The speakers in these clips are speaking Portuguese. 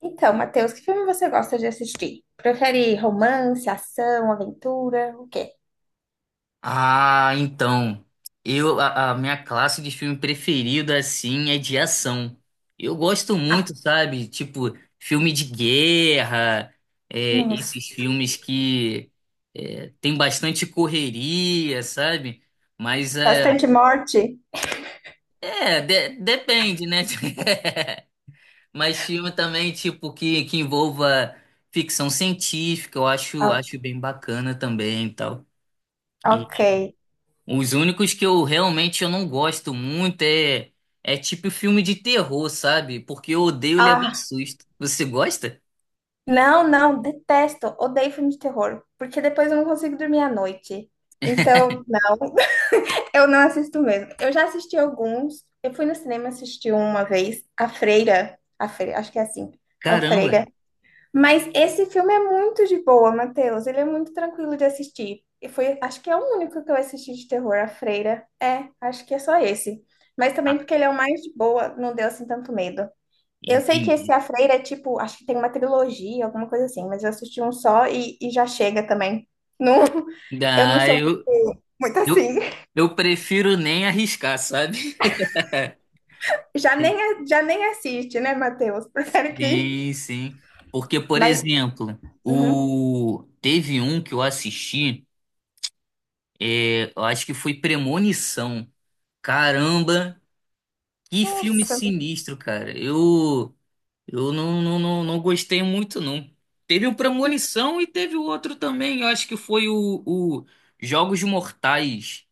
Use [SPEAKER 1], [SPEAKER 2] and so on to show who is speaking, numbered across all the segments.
[SPEAKER 1] Então, Matheus, que filme você gosta de assistir? Prefere romance, ação, aventura? O quê?
[SPEAKER 2] Ah, então. A minha classe de filme preferida, assim, é de ação. Eu gosto muito, sabe? Tipo, filme de guerra,
[SPEAKER 1] Nossa,
[SPEAKER 2] esses filmes que tem bastante correria, sabe? Mas
[SPEAKER 1] bastante morte?
[SPEAKER 2] depende, né? Mas filme também, tipo, que envolva ficção científica, eu acho,
[SPEAKER 1] O-
[SPEAKER 2] acho bem bacana também e tal.
[SPEAKER 1] ok.
[SPEAKER 2] Os únicos que eu realmente eu não gosto muito é tipo filme de terror, sabe? Porque eu odeio levar
[SPEAKER 1] Ah,
[SPEAKER 2] susto. Você gosta?
[SPEAKER 1] não, não, detesto, odeio filme de terror, porque depois eu não consigo dormir à noite. Então, não, eu não assisto mesmo. Eu já assisti alguns. Eu fui no cinema assistir uma vez, a Freira, acho que é assim, A
[SPEAKER 2] Caramba.
[SPEAKER 1] Freira. Mas esse filme é muito de boa, Matheus. Ele é muito tranquilo de assistir. E foi, acho que é o único que eu assisti de terror, A Freira. É, acho que é só esse. Mas também
[SPEAKER 2] Ah,
[SPEAKER 1] porque ele é o mais de boa, não deu assim tanto medo. Eu sei que esse
[SPEAKER 2] entendi.
[SPEAKER 1] A Freira é tipo, acho que tem uma trilogia, alguma coisa assim, mas eu assisti um só e já chega também. Não, eu não
[SPEAKER 2] Ah,
[SPEAKER 1] sou muito, muito
[SPEAKER 2] eu,
[SPEAKER 1] assim.
[SPEAKER 2] eu prefiro nem arriscar, sabe?
[SPEAKER 1] Já nem, já nem assiste, né, Matheus? Prefere que.
[SPEAKER 2] Sim, sim. Porque, por
[SPEAKER 1] Mas,
[SPEAKER 2] exemplo,
[SPEAKER 1] uhum.
[SPEAKER 2] o teve um que eu assisti, eu acho que foi Premonição. Caramba, que filme
[SPEAKER 1] Nossa,
[SPEAKER 2] sinistro, cara. Eu não, não, não, não gostei muito, não. Teve o Premonição e teve o outro também. Eu acho que foi o Jogos Mortais.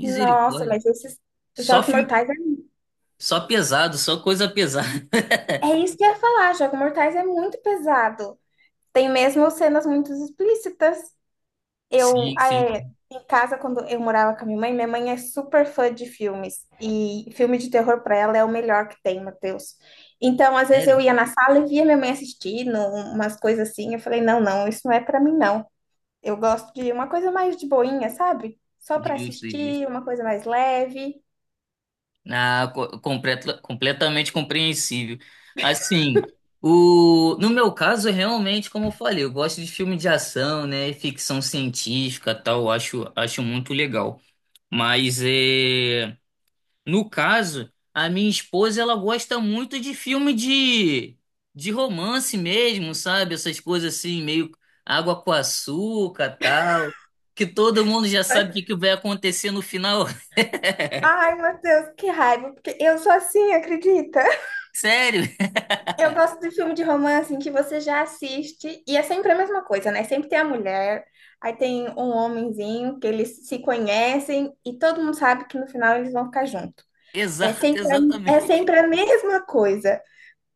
[SPEAKER 1] nossa, mas esses
[SPEAKER 2] Só
[SPEAKER 1] Jogos
[SPEAKER 2] filme,
[SPEAKER 1] Mortais é...
[SPEAKER 2] só pesado, só coisa pesada.
[SPEAKER 1] É isso que eu ia falar, Jogos Mortais é muito pesado. Tem mesmo cenas muito explícitas. Eu,
[SPEAKER 2] Sim,
[SPEAKER 1] ah,
[SPEAKER 2] sim.
[SPEAKER 1] é, em casa, quando eu morava com a minha mãe é super fã de filmes. E filme de terror pra ela é o melhor que tem, Matheus. Então, às vezes eu
[SPEAKER 2] Sério?
[SPEAKER 1] ia na sala e via minha mãe assistindo umas coisas assim. Eu falei, não, não, isso não é pra mim, não. Eu gosto de uma coisa mais de boinha, sabe? Só pra
[SPEAKER 2] Justo, justo.
[SPEAKER 1] assistir, uma coisa mais leve.
[SPEAKER 2] Ah, completamente compreensível. Assim, no meu caso, realmente, como eu falei, eu gosto de filme de ação, né? Ficção científica, tal, acho muito legal. Mas é. No caso, a minha esposa ela gosta muito de filme de romance mesmo, sabe? Essas coisas assim, meio água com açúcar, tal, que todo mundo já sabe o que que vai acontecer no final.
[SPEAKER 1] Ai, Matheus, que raiva, porque eu sou assim, acredita?
[SPEAKER 2] Sério?
[SPEAKER 1] Eu gosto de filme de romance em que você já assiste e é sempre a mesma coisa, né? Sempre tem a mulher, aí tem um homenzinho que eles se conhecem e todo mundo sabe que no final eles vão ficar juntos. É
[SPEAKER 2] Exato,
[SPEAKER 1] sempre a, é
[SPEAKER 2] exatamente.
[SPEAKER 1] sempre a mesma coisa.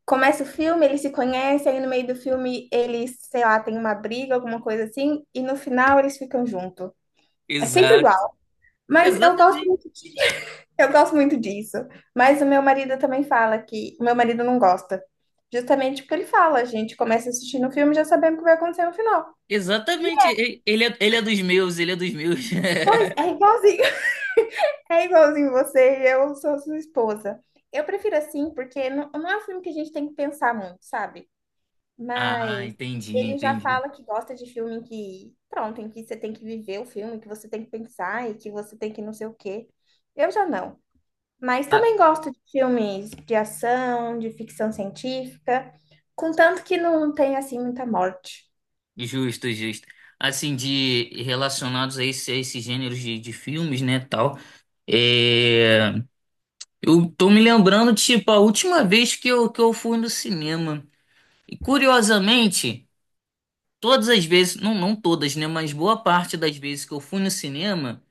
[SPEAKER 1] Começa o filme, eles se conhecem, aí no meio do filme eles, sei lá, tem uma briga, alguma coisa assim, e no final eles ficam juntos. É sempre
[SPEAKER 2] Exato.
[SPEAKER 1] igual. Mas
[SPEAKER 2] Exatamente.
[SPEAKER 1] eu gosto muito disso. Mas o meu marido também fala que. O meu marido não gosta. Justamente porque ele fala, a gente começa assistindo o filme já sabendo o que vai acontecer no final. E
[SPEAKER 2] Exatamente. Ele é dos meus, ele é dos meus.
[SPEAKER 1] pois, é igualzinho. É igualzinho você e eu sou sua esposa. Eu prefiro assim, porque não, não é um filme que a gente tem que pensar muito, sabe?
[SPEAKER 2] Ah,
[SPEAKER 1] Mas
[SPEAKER 2] entendi,
[SPEAKER 1] ele já
[SPEAKER 2] entendi.
[SPEAKER 1] fala que gosta de filme em que, pronto, em que você tem que viver o filme, que você tem que pensar e que você tem que não sei o quê. Eu já não. Mas
[SPEAKER 2] Ah,
[SPEAKER 1] também gosto de filmes de ação, de ficção científica, contanto que não tem assim muita morte.
[SPEAKER 2] justo, justo. Assim, de relacionados a esses gêneros de filmes, né, tal. É, eu tô me lembrando, tipo, a última vez que eu fui no cinema. E curiosamente, todas as vezes, não, não todas, né? Mas boa parte das vezes que eu fui no cinema.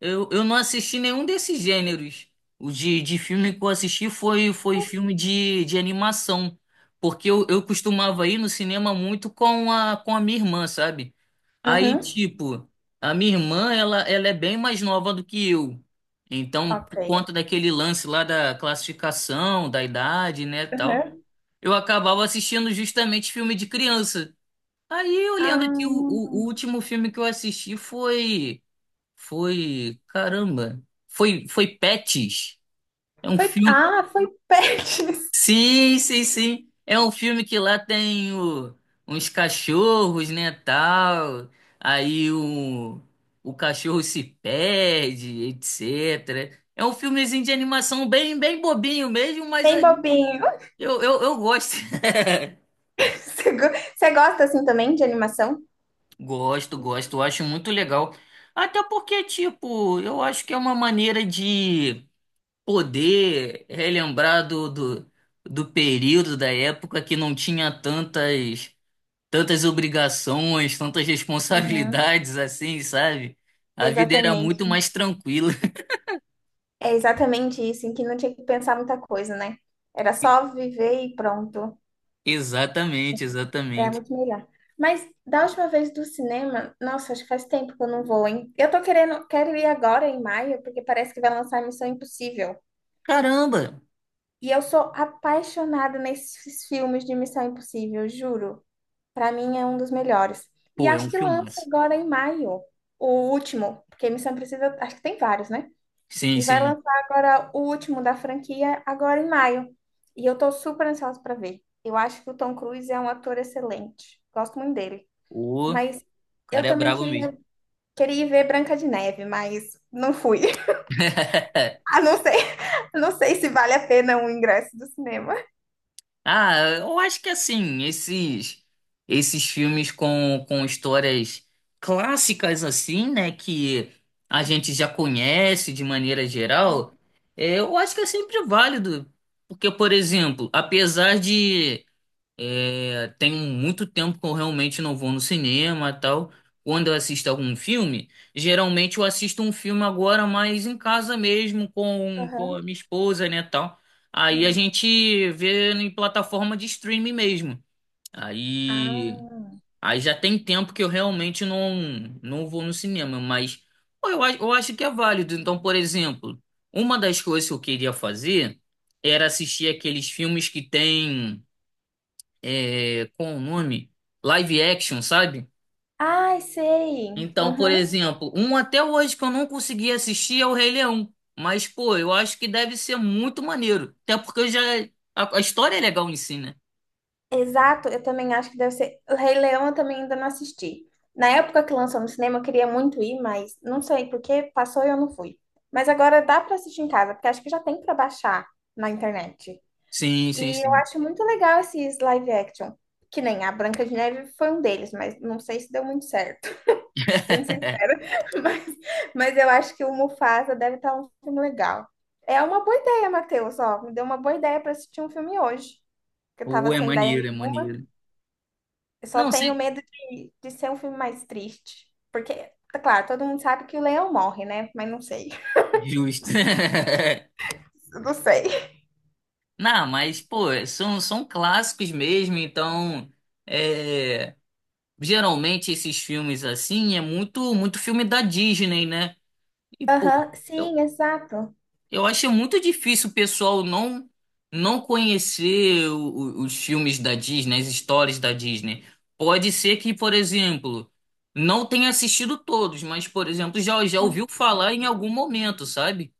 [SPEAKER 2] Eu não assisti nenhum desses gêneros. De filme que eu assisti foi
[SPEAKER 1] Nossa.
[SPEAKER 2] filme de animação. Porque eu costumava ir no cinema muito com a minha irmã, sabe? Aí,
[SPEAKER 1] Uhum.
[SPEAKER 2] tipo, a minha irmã, ela é bem mais nova do que eu. Então,
[SPEAKER 1] Ok.
[SPEAKER 2] por conta daquele lance lá da classificação, da idade, né, tal,
[SPEAKER 1] Uhum.
[SPEAKER 2] eu acabava assistindo justamente filme de criança. Aí eu lembro que o
[SPEAKER 1] Ah,
[SPEAKER 2] último filme que eu assisti foi. Foi, caramba, foi Pets. É um filme.
[SPEAKER 1] ah, foi Pets.
[SPEAKER 2] Sim, sim, sim. É um filme que lá tem uns cachorros, né, tal. Aí o cachorro se perde, etc. É um filmezinho de animação bem, bem bobinho mesmo, mas
[SPEAKER 1] Bem
[SPEAKER 2] aí
[SPEAKER 1] bobinho.
[SPEAKER 2] eu gosto.
[SPEAKER 1] Você go- você gosta assim também de animação?
[SPEAKER 2] Gosto,
[SPEAKER 1] Uhum.
[SPEAKER 2] gosto, eu acho muito legal. Até porque, tipo, eu acho que é uma maneira de poder relembrar do período, da época que não tinha tantas obrigações, tantas responsabilidades assim, sabe? A vida era muito
[SPEAKER 1] Exatamente.
[SPEAKER 2] mais tranquila.
[SPEAKER 1] É exatamente isso, em que não tinha que pensar muita coisa, né? Era só viver e pronto.
[SPEAKER 2] Exatamente,
[SPEAKER 1] É
[SPEAKER 2] exatamente.
[SPEAKER 1] muito melhor. Mas da última vez do cinema, nossa, acho que faz tempo que eu não vou, hein? Eu tô querendo, quero ir agora em maio, porque parece que vai lançar Missão Impossível.
[SPEAKER 2] Caramba!
[SPEAKER 1] E eu sou apaixonada nesses filmes de Missão Impossível, juro. Pra mim é um dos melhores. E
[SPEAKER 2] Pô, é um
[SPEAKER 1] acho que lança
[SPEAKER 2] filmaço.
[SPEAKER 1] agora em maio, o último, porque Missão Impossível, acho que tem vários, né?
[SPEAKER 2] Sim,
[SPEAKER 1] E vai
[SPEAKER 2] sim.
[SPEAKER 1] lançar agora o último da franquia agora em maio. E eu tô super ansiosa pra ver. Eu acho que o Tom Cruise é um ator excelente. Gosto muito dele.
[SPEAKER 2] O
[SPEAKER 1] Mas eu
[SPEAKER 2] cara é
[SPEAKER 1] também
[SPEAKER 2] brabo mesmo.
[SPEAKER 1] queria, queria ir ver Branca de Neve, mas não fui. Ah, não sei, não sei se vale a pena o ingresso do cinema.
[SPEAKER 2] Ah, eu acho que assim, esses filmes com histórias clássicas assim, né, que a gente já conhece de maneira geral, eu acho que é sempre válido, porque, por exemplo, apesar de tem muito tempo que eu realmente não vou no cinema e tal. Quando eu assisto algum filme, geralmente eu assisto um filme agora, mas em casa mesmo, com a
[SPEAKER 1] Aham.
[SPEAKER 2] minha esposa, né, tal. Aí a gente vê em plataforma de streaming mesmo. Aí,
[SPEAKER 1] Ah.
[SPEAKER 2] aí já tem tempo que eu realmente não vou no cinema, mas pô, eu acho que é válido. Então, por exemplo, uma das coisas que eu queria fazer era assistir aqueles filmes que tem com o nome live action, sabe?
[SPEAKER 1] Ai, sei.
[SPEAKER 2] Então, por
[SPEAKER 1] Uhum.
[SPEAKER 2] exemplo, um até hoje que eu não consegui assistir é o Rei Leão. Mas, pô, eu acho que deve ser muito maneiro. Até porque eu já. A história é legal em si, né?
[SPEAKER 1] Exato, eu também acho que deve ser. O Rei Leão eu também ainda não assisti. Na época que lançou no cinema, eu queria muito ir, mas não sei porque passou e eu não fui. Mas agora dá para assistir em casa, porque acho que já tem para baixar na internet.
[SPEAKER 2] Sim, sim,
[SPEAKER 1] E eu
[SPEAKER 2] sim.
[SPEAKER 1] acho muito legal esses live action, que nem a Branca de Neve foi um deles, mas não sei se deu muito certo, sendo sincera. Mas, mas eu acho que o Mufasa deve estar um filme legal. É uma boa ideia, Matheus, ó, me deu uma boa ideia para assistir um filme hoje, que eu
[SPEAKER 2] Pô,
[SPEAKER 1] tava
[SPEAKER 2] é
[SPEAKER 1] sem ideia
[SPEAKER 2] maneiro, é
[SPEAKER 1] nenhuma.
[SPEAKER 2] maneiro.
[SPEAKER 1] Eu só
[SPEAKER 2] Não,
[SPEAKER 1] tenho
[SPEAKER 2] sei.
[SPEAKER 1] medo de ser um filme mais triste. Porque, tá claro, todo mundo sabe que o leão morre, né? Mas não sei.
[SPEAKER 2] Justo.
[SPEAKER 1] Eu não sei.
[SPEAKER 2] Não, mas, pô, são clássicos mesmo, então. É, geralmente esses filmes assim é muito, muito filme da Disney, né? E, pô.
[SPEAKER 1] Aham,
[SPEAKER 2] Eu,
[SPEAKER 1] sim, exato.
[SPEAKER 2] Eu achei muito difícil o pessoal não conhecer os filmes da Disney, as histórias da Disney. Pode ser que, por exemplo, não tenha assistido todos, mas, por exemplo, já ouviu falar em algum momento, sabe?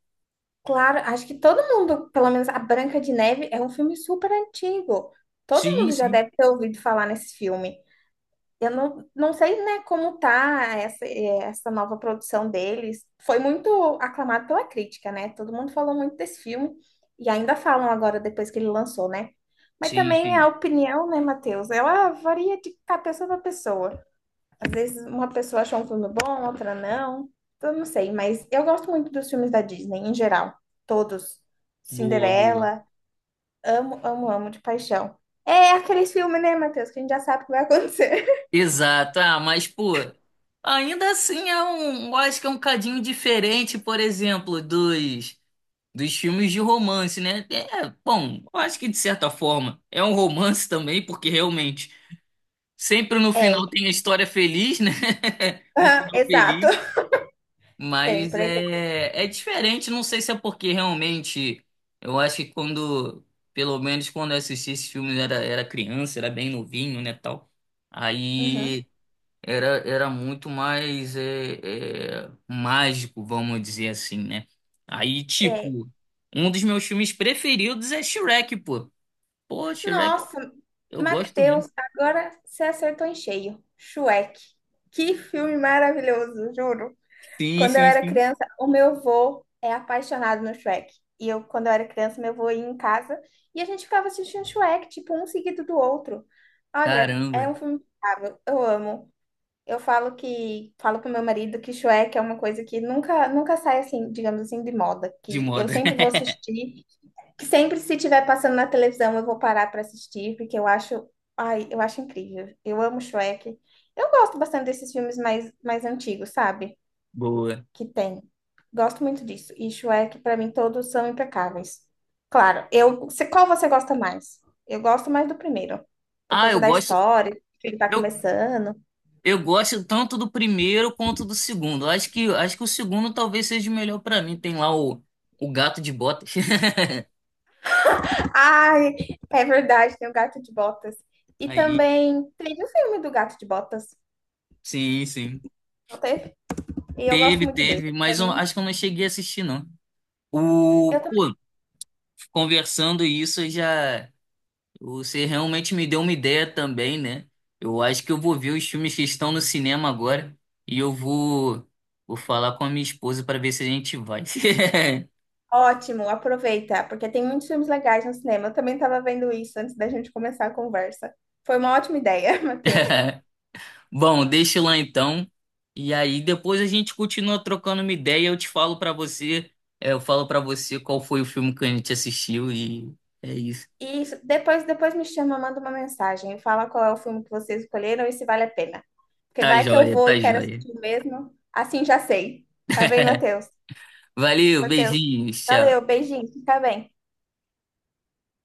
[SPEAKER 1] Claro, acho que todo mundo, pelo menos a Branca de Neve, é um filme super antigo. Todo
[SPEAKER 2] Sim,
[SPEAKER 1] mundo já
[SPEAKER 2] sim.
[SPEAKER 1] deve ter ouvido falar nesse filme. Eu não, não sei, né, como tá essa, essa nova produção deles. Foi muito aclamado pela crítica, né? Todo mundo falou muito desse filme e ainda falam agora depois que ele lançou, né? Mas
[SPEAKER 2] Sim,
[SPEAKER 1] também a
[SPEAKER 2] sim.
[SPEAKER 1] opinião, né, Matheus? Ela varia de tá, pessoa para pessoa. Às vezes uma pessoa achou um filme bom, outra não. Eu não sei, mas eu gosto muito dos filmes da Disney em geral, todos.
[SPEAKER 2] Boa, boa.
[SPEAKER 1] Cinderela, amo, amo, amo de paixão. É aqueles filmes, né, Matheus, que a gente já sabe o que vai acontecer.
[SPEAKER 2] Exato. Ah, mas, pô, ainda assim é um, eu acho que é um cadinho diferente, por exemplo, dos filmes de romance, né? É, bom, eu acho que de certa forma é um romance também, porque realmente sempre no final
[SPEAKER 1] É,
[SPEAKER 2] tem a história feliz, né? O
[SPEAKER 1] aham,
[SPEAKER 2] final
[SPEAKER 1] exato.
[SPEAKER 2] feliz, mas
[SPEAKER 1] Sempre. É igual.
[SPEAKER 2] é diferente, não sei se é porque realmente eu acho que quando, pelo menos quando eu assisti esses filmes, era criança, era bem novinho, né, tal.
[SPEAKER 1] Uhum.
[SPEAKER 2] Aí. Era muito mais mágico, vamos dizer assim, né? Aí,
[SPEAKER 1] É.
[SPEAKER 2] tipo, um dos meus filmes preferidos é Shrek, pô. Pô, Shrek,
[SPEAKER 1] Nossa,
[SPEAKER 2] eu gosto muito.
[SPEAKER 1] Matheus, agora você acertou em cheio. Shrek. Que filme maravilhoso, juro.
[SPEAKER 2] Sim,
[SPEAKER 1] Quando eu
[SPEAKER 2] sim,
[SPEAKER 1] era
[SPEAKER 2] sim.
[SPEAKER 1] criança, o meu avô é apaixonado no Shrek. E eu, quando eu era criança, meu avô ia em casa e a gente ficava assistindo Shrek, tipo, um seguido do outro. Olha, é
[SPEAKER 2] Caramba,
[SPEAKER 1] um filme impecável. Eu amo. Eu falo que falo pro meu marido que Shrek é uma coisa que nunca sai assim, digamos assim, de moda,
[SPEAKER 2] de
[SPEAKER 1] que eu
[SPEAKER 2] moda.
[SPEAKER 1] sempre vou assistir, que sempre se estiver passando na televisão eu vou parar para assistir, porque eu acho, ai, eu acho incrível. Eu amo Shrek. Eu gosto bastante desses filmes mais antigos, sabe?
[SPEAKER 2] Boa.
[SPEAKER 1] Que tem. Gosto muito disso. E Shrek para mim todos são impecáveis. Claro, eu, qual você gosta mais? Eu gosto mais do primeiro, por
[SPEAKER 2] Ah, eu
[SPEAKER 1] causa da
[SPEAKER 2] gosto.
[SPEAKER 1] história, que ele tá
[SPEAKER 2] Eu,
[SPEAKER 1] começando.
[SPEAKER 2] eu gosto tanto do primeiro quanto do segundo. Eu acho que o segundo talvez seja o melhor pra mim. Tem lá o Gato de Botas.
[SPEAKER 1] Ai, é verdade, tem o Gato de Botas. E
[SPEAKER 2] Aí,
[SPEAKER 1] também teve o filme do Gato de Botas,
[SPEAKER 2] sim, sim.
[SPEAKER 1] não teve? E eu gosto
[SPEAKER 2] Teve,
[SPEAKER 1] muito dele.
[SPEAKER 2] teve,
[SPEAKER 1] Pra
[SPEAKER 2] mas eu
[SPEAKER 1] mim,
[SPEAKER 2] acho que eu não cheguei a assistir, não.
[SPEAKER 1] eu
[SPEAKER 2] O,
[SPEAKER 1] também.
[SPEAKER 2] pô, conversando isso já você realmente me deu uma ideia também, né? Eu acho que eu vou ver os filmes que estão no cinema agora e eu vou falar com a minha esposa para ver se a gente vai.
[SPEAKER 1] Ótimo, aproveita, porque tem muitos filmes legais no cinema. Eu também estava vendo isso antes da gente começar a conversa. Foi uma ótima ideia, Matheus.
[SPEAKER 2] Bom, deixa lá então. E aí depois a gente continua trocando uma ideia, eu te falo para você, eu falo para você qual foi o filme que a gente assistiu e é isso.
[SPEAKER 1] E isso, depois, depois me chama, manda uma mensagem, fala qual é o filme que vocês escolheram e se vale a pena. Porque
[SPEAKER 2] Tá
[SPEAKER 1] vai que eu
[SPEAKER 2] joia,
[SPEAKER 1] vou
[SPEAKER 2] tá
[SPEAKER 1] e quero
[SPEAKER 2] joia.
[SPEAKER 1] assistir mesmo, assim já sei. Tá bem, Matheus?
[SPEAKER 2] Valeu,
[SPEAKER 1] Matheus,
[SPEAKER 2] beijinhos,
[SPEAKER 1] valeu,
[SPEAKER 2] tchau.
[SPEAKER 1] beijinho, fica bem.